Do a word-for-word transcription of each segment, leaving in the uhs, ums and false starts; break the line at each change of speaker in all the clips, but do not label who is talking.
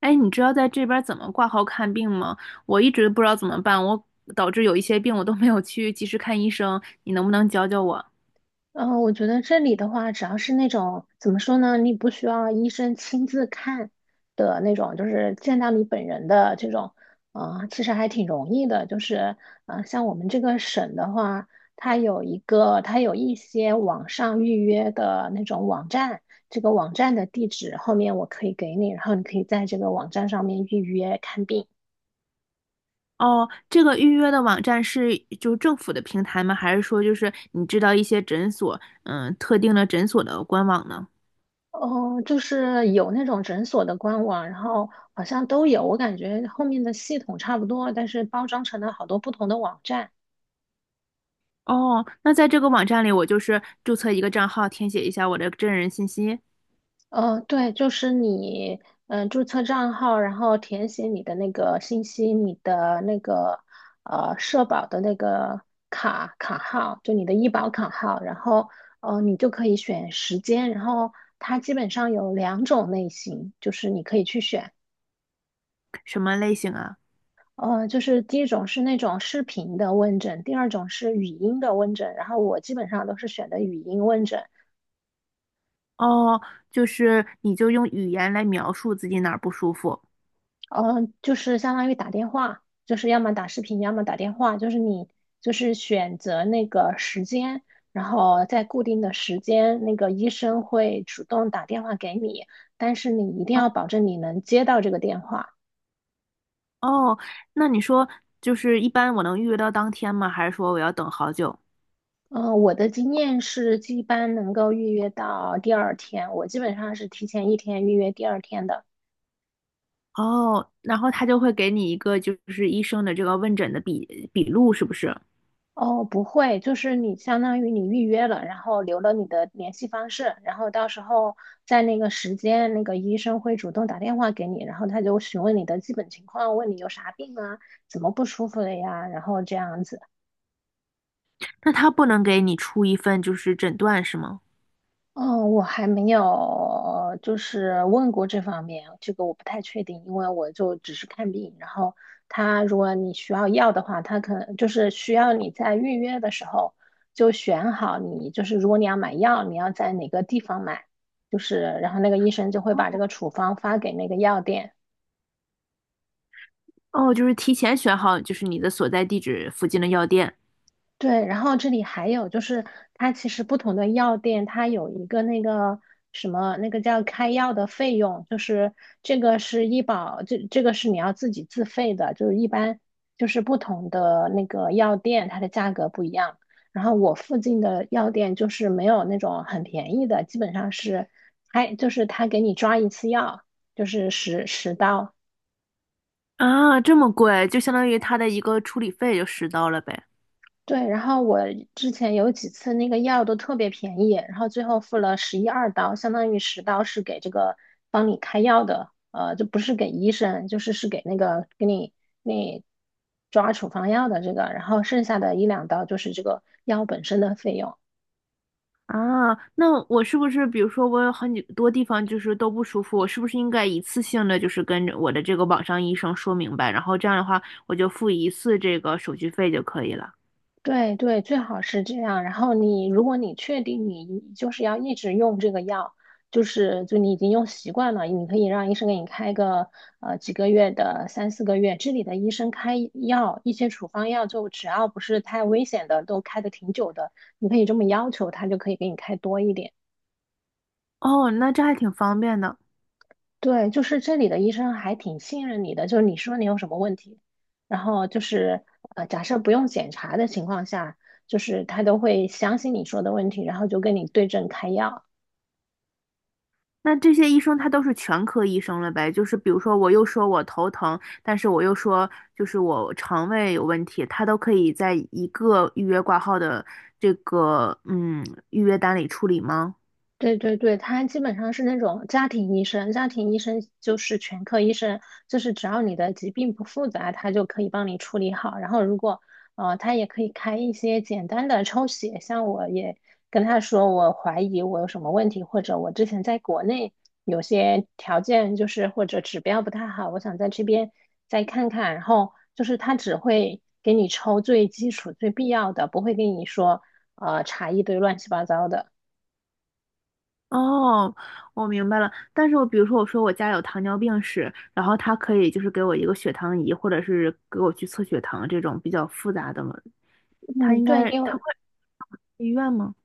哎，你知道在这边怎么挂号看病吗？我一直不知道怎么办，我导致有一些病我都没有去及时看医生，你能不能教教我？
嗯，呃我觉得这里的话，只要是那种怎么说呢，你不需要医生亲自看的那种，就是见到你本人的这种，啊、其实还挺容易的。就是，啊，像我们这个省的话，它有一个，它有一些网上预约的那种网站，这个网站的地址后面我可以给你，然后你可以在这个网站上面预约看病。
哦，这个预约的网站是就政府的平台吗？还是说就是你知道一些诊所，嗯，特定的诊所的官网呢？
哦，就是有那种诊所的官网，然后好像都有，我感觉后面的系统差不多，但是包装成了好多不同的网站。
哦，那在这个网站里，我就是注册一个账号，填写一下我的真人信息，
呃，对，就是你，嗯、注册账号，然后填写你的那个信息，你的那个呃社保的那个卡卡号，就你的医保卡号，然后呃你就可以选时间，然后它基本上有两种类型，就是你可以去选。
什么类型啊？
呃，就是第一种是那种视频的问诊，第二种是语音的问诊，然后我基本上都是选的语音问诊，
哦，就是你就用语言来描述自己哪儿不舒服。
呃，就是相当于打电话，就是要么打视频，要么打电话，就是你就是选择那个时间，然后在固定的时间，那个医生会主动打电话给你，但是你一定要保证你能接到这个电话。
哦，那你说就是一般我能预约到当天吗？还是说我要等好久？
嗯、呃，我的经验是一般能够预约到第二天，我基本上是提前一天预约第二天的。
哦，然后他就会给你一个就是医生的这个问诊的笔笔录，是不是？
哦，不会，就是你相当于你预约了，然后留了你的联系方式，然后到时候在那个时间，那个医生会主动打电话给你，然后他就询问你的基本情况，问你有啥病啊，怎么不舒服了呀，然后这样子。
那他不能给你出一份就是诊断是吗？
嗯，我还没有就是问过这方面，这个我不太确定，因为我就只是看病。然后他如果你需要药的话，他可能就是需要你在预约的时候就选好你，就是如果你要买药，你要在哪个地方买，就是然后那个医生就会把这个处方发给那个药店。
哦，就是提前选好就是你的所在地址附近的药店。
对，然后这里还有就是，它其实不同的药店，它有一个那个什么，那个叫开药的费用，就是这个是医保，这这个是你要自己自费的，就是一般就是不同的那个药店，它的价格不一样。然后我附近的药店就是没有那种很便宜的，基本上是开，就是他给你抓一次药，就是十十刀，
啊，这么贵，就相当于他的一个处理费就十刀了呗。
对，然后我之前有几次那个药都特别便宜，然后最后付了十一二刀，相当于十刀是给这个帮你开药的，呃，就不是给医生，就是是给那个给你给你抓处方药的这个，然后剩下的一两刀就是这个药本身的费用。
啊，那我是不是，比如说我有很多地方就是都不舒服，我是不是应该一次性的就是跟着我的这个网上医生说明白，然后这样的话我就付一次这个手续费就可以了？
对对，最好是这样。然后你，如果你确定你就是要一直用这个药，就是就你已经用习惯了，你可以让医生给你开个呃几个月的三四个月，这里的医生开药，一些处方药就只要不是太危险的，都开的挺久的，你可以这么要求，他就可以给你开多一点。
哦，那这还挺方便的。
对，就是这里的医生还挺信任你的，就是你说你有什么问题，然后就是呃，假设不用检查的情况下，就是他都会相信你说的问题，然后就跟你对症开药。
那这些医生他都是全科医生了呗？就是比如说我又说我头疼，但是我又说就是我肠胃有问题，他都可以在一个预约挂号的这个嗯预约单里处理吗？
对对对，他基本上是那种家庭医生，家庭医生就是全科医生，就是只要你的疾病不复杂，他就可以帮你处理好。然后如果呃，他也可以开一些简单的抽血，像我也跟他说，我怀疑我有什么问题，或者我之前在国内有些条件就是或者指标不太好，我想在这边再看看。然后就是他只会给你抽最基础、最必要的，不会跟你说呃查一堆乱七八糟的。
哦，我明白了。但是我比如说，我说我家有糖尿病史，然后他可以就是给我一个血糖仪，或者是给我去测血糖这种比较复杂的嘛。他
嗯，
应
对
该
你有
他会去医院吗？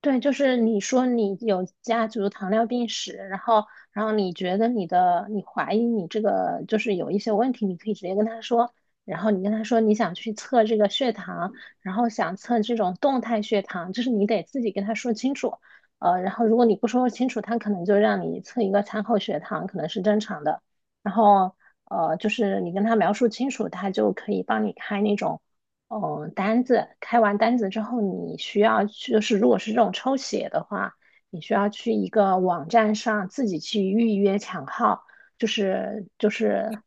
对，就是你说你有家族糖尿病史，然后，然后你觉得你的，你怀疑你这个就是有一些问题，你可以直接跟他说，然后你跟他说你想去测这个血糖，然后想测这种动态血糖，就是你得自己跟他说清楚，呃，然后如果你不说清楚，他可能就让你测一个餐后血糖，可能是正常的，然后，呃，就是你跟他描述清楚，他就可以帮你开那种。哦，呃单子开完单子之后，你需要去，就是如果是这种抽血的话，你需要去一个网站上自己去预约抢号，就是就是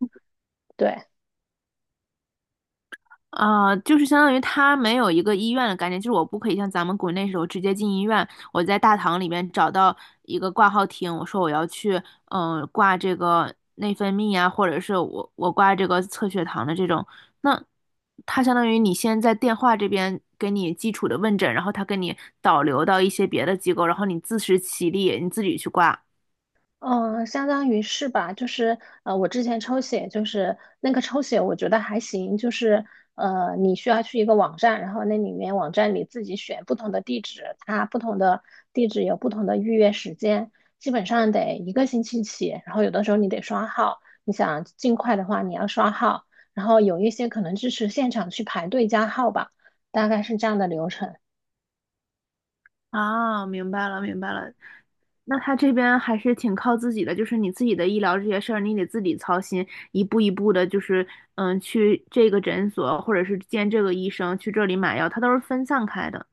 对，
啊，就是相当于他没有一个医院的概念，就是我不可以像咱们国内时候直接进医院，我在大堂里面找到一个挂号厅，我说我要去，嗯、挂这个内分泌啊，或者是我我挂这个测血糖的这种，那他相当于你先在电话这边给你基础的问诊，然后他给你导流到一些别的机构，然后你自食其力，你自己去挂。
嗯，相当于是吧，就是呃，我之前抽血，就是那个抽血，我觉得还行，就是呃，你需要去一个网站，然后那里面网站里自己选不同的地址，它不同的地址有不同的预约时间，基本上得一个星期起，然后有的时候你得刷号，你想尽快的话，你要刷号，然后有一些可能支持现场去排队加号吧，大概是这样的流程。
啊，明白了，明白了，那他这边还是挺靠自己的，就是你自己的医疗这些事儿，你得自己操心，一步一步的，就是嗯，去这个诊所或者是见这个医生，去这里买药，他都是分散开的。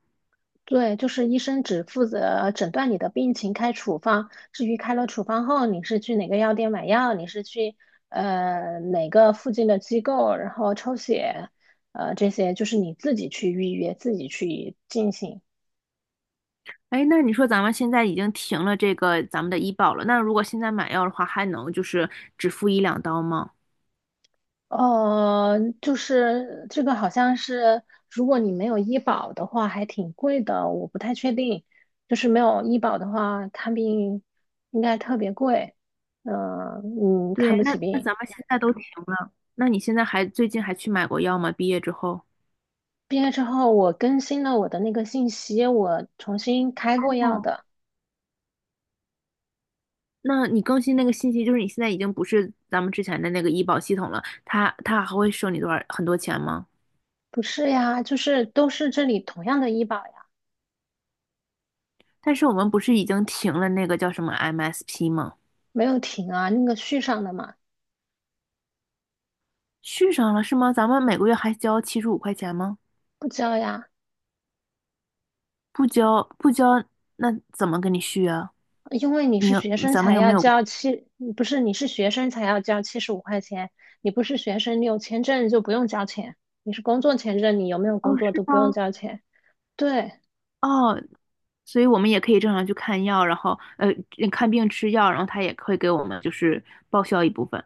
对，就是医生只负责诊断你的病情，开处方。至于开了处方后，你是去哪个药店买药，你是去呃哪个附近的机构，然后抽血，呃，这些就是你自己去预约，自己去进行。
哎，那你说咱们现在已经停了这个咱们的医保了，那如果现在买药的话，还能就是只付一两刀吗？
呃，就是这个好像是，如果你没有医保的话，还挺贵的，我不太确定。就是没有医保的话，看病应该特别贵，嗯、嗯，看
对，
不
那
起
那
病。
咱们现在都停了，那你现在还最近还去买过药吗？毕业之后？
毕业之后，我更新了我的那个信息，我重新开过药
哦。
的。
那你更新那个信息，就是你现在已经不是咱们之前的那个医保系统了，他他还会收你多少很多钱吗？
不是呀，就是都是这里同样的医保呀，
但是我们不是已经停了那个叫什么 M S P 吗？
没有停啊，那个续上的嘛，
续上了是吗？咱们每个月还交七十五块钱吗？
不交呀，
不交不交，那怎么给你续啊？
因为你
你
是
有
学生
咱们
才
又没
要
有？
交七，不是你是学生才要交七十五块钱，你不是学生，你有签证就不用交钱，你是工作签证，你有没有
哦，
工作
是
都不用
吗？
交钱。对
哦，所以我们也可以正常去看药，然后呃看病吃药，然后他也会给我们就是报销一部分。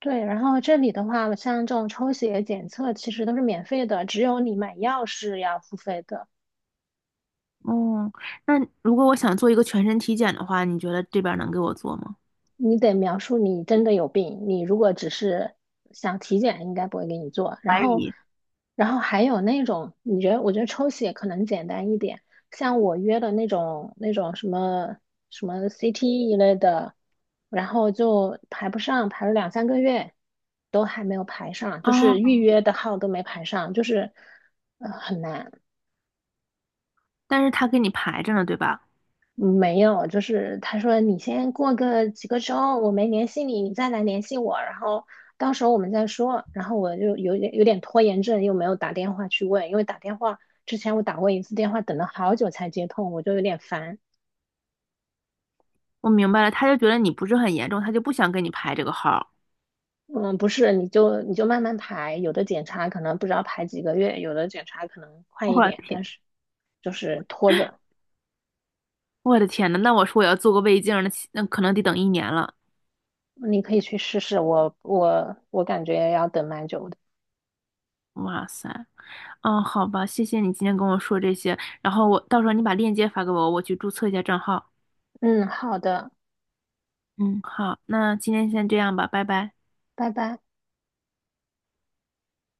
对，然后这里的话，像这种抽血检测其实都是免费的，只有你买药是要付费的。
哦，那如果我想做一个全身体检的话，你觉得这边儿能给我做吗？
你得描述你真的有病，你如果只是想体检，应该不会给你做。然
怀
后，
疑。
然后还有那种，你觉得，我觉得抽血可能简单一点，像我约的那种那种什么什么 C T 一类的，然后就排不上，排了两三个月都还没有排上，就
啊，
是预约的号都没排上，就是呃很难。
但是他给你排着呢，对吧？
嗯没有，就是他说你先过个几个周，我没联系你，你再来联系我，然后到时候我们再说。然后我就有点有点拖延症，又没有打电话去问，因为打电话之前我打过一次电话，等了好久才接通，我就有点烦。
我明白了，他就觉得你不是很严重，他就不想给你排这个号儿。
嗯，不是，你就你就慢慢排，有的检查可能不知道排几个月，有的检查可能快
我
一
的
点，
天，
但是就是拖着，
我的天呐，那我说我要做个胃镜儿那起那可能得等一年了。
嗯你可以去试试，我我我感觉要等蛮久的。
哇塞，哦，好吧，谢谢你今天跟我说这些，然后我到时候你把链接发给我，我去注册一下账号。
嗯，好的，
嗯，好，那今天先这样吧，拜拜。
拜拜。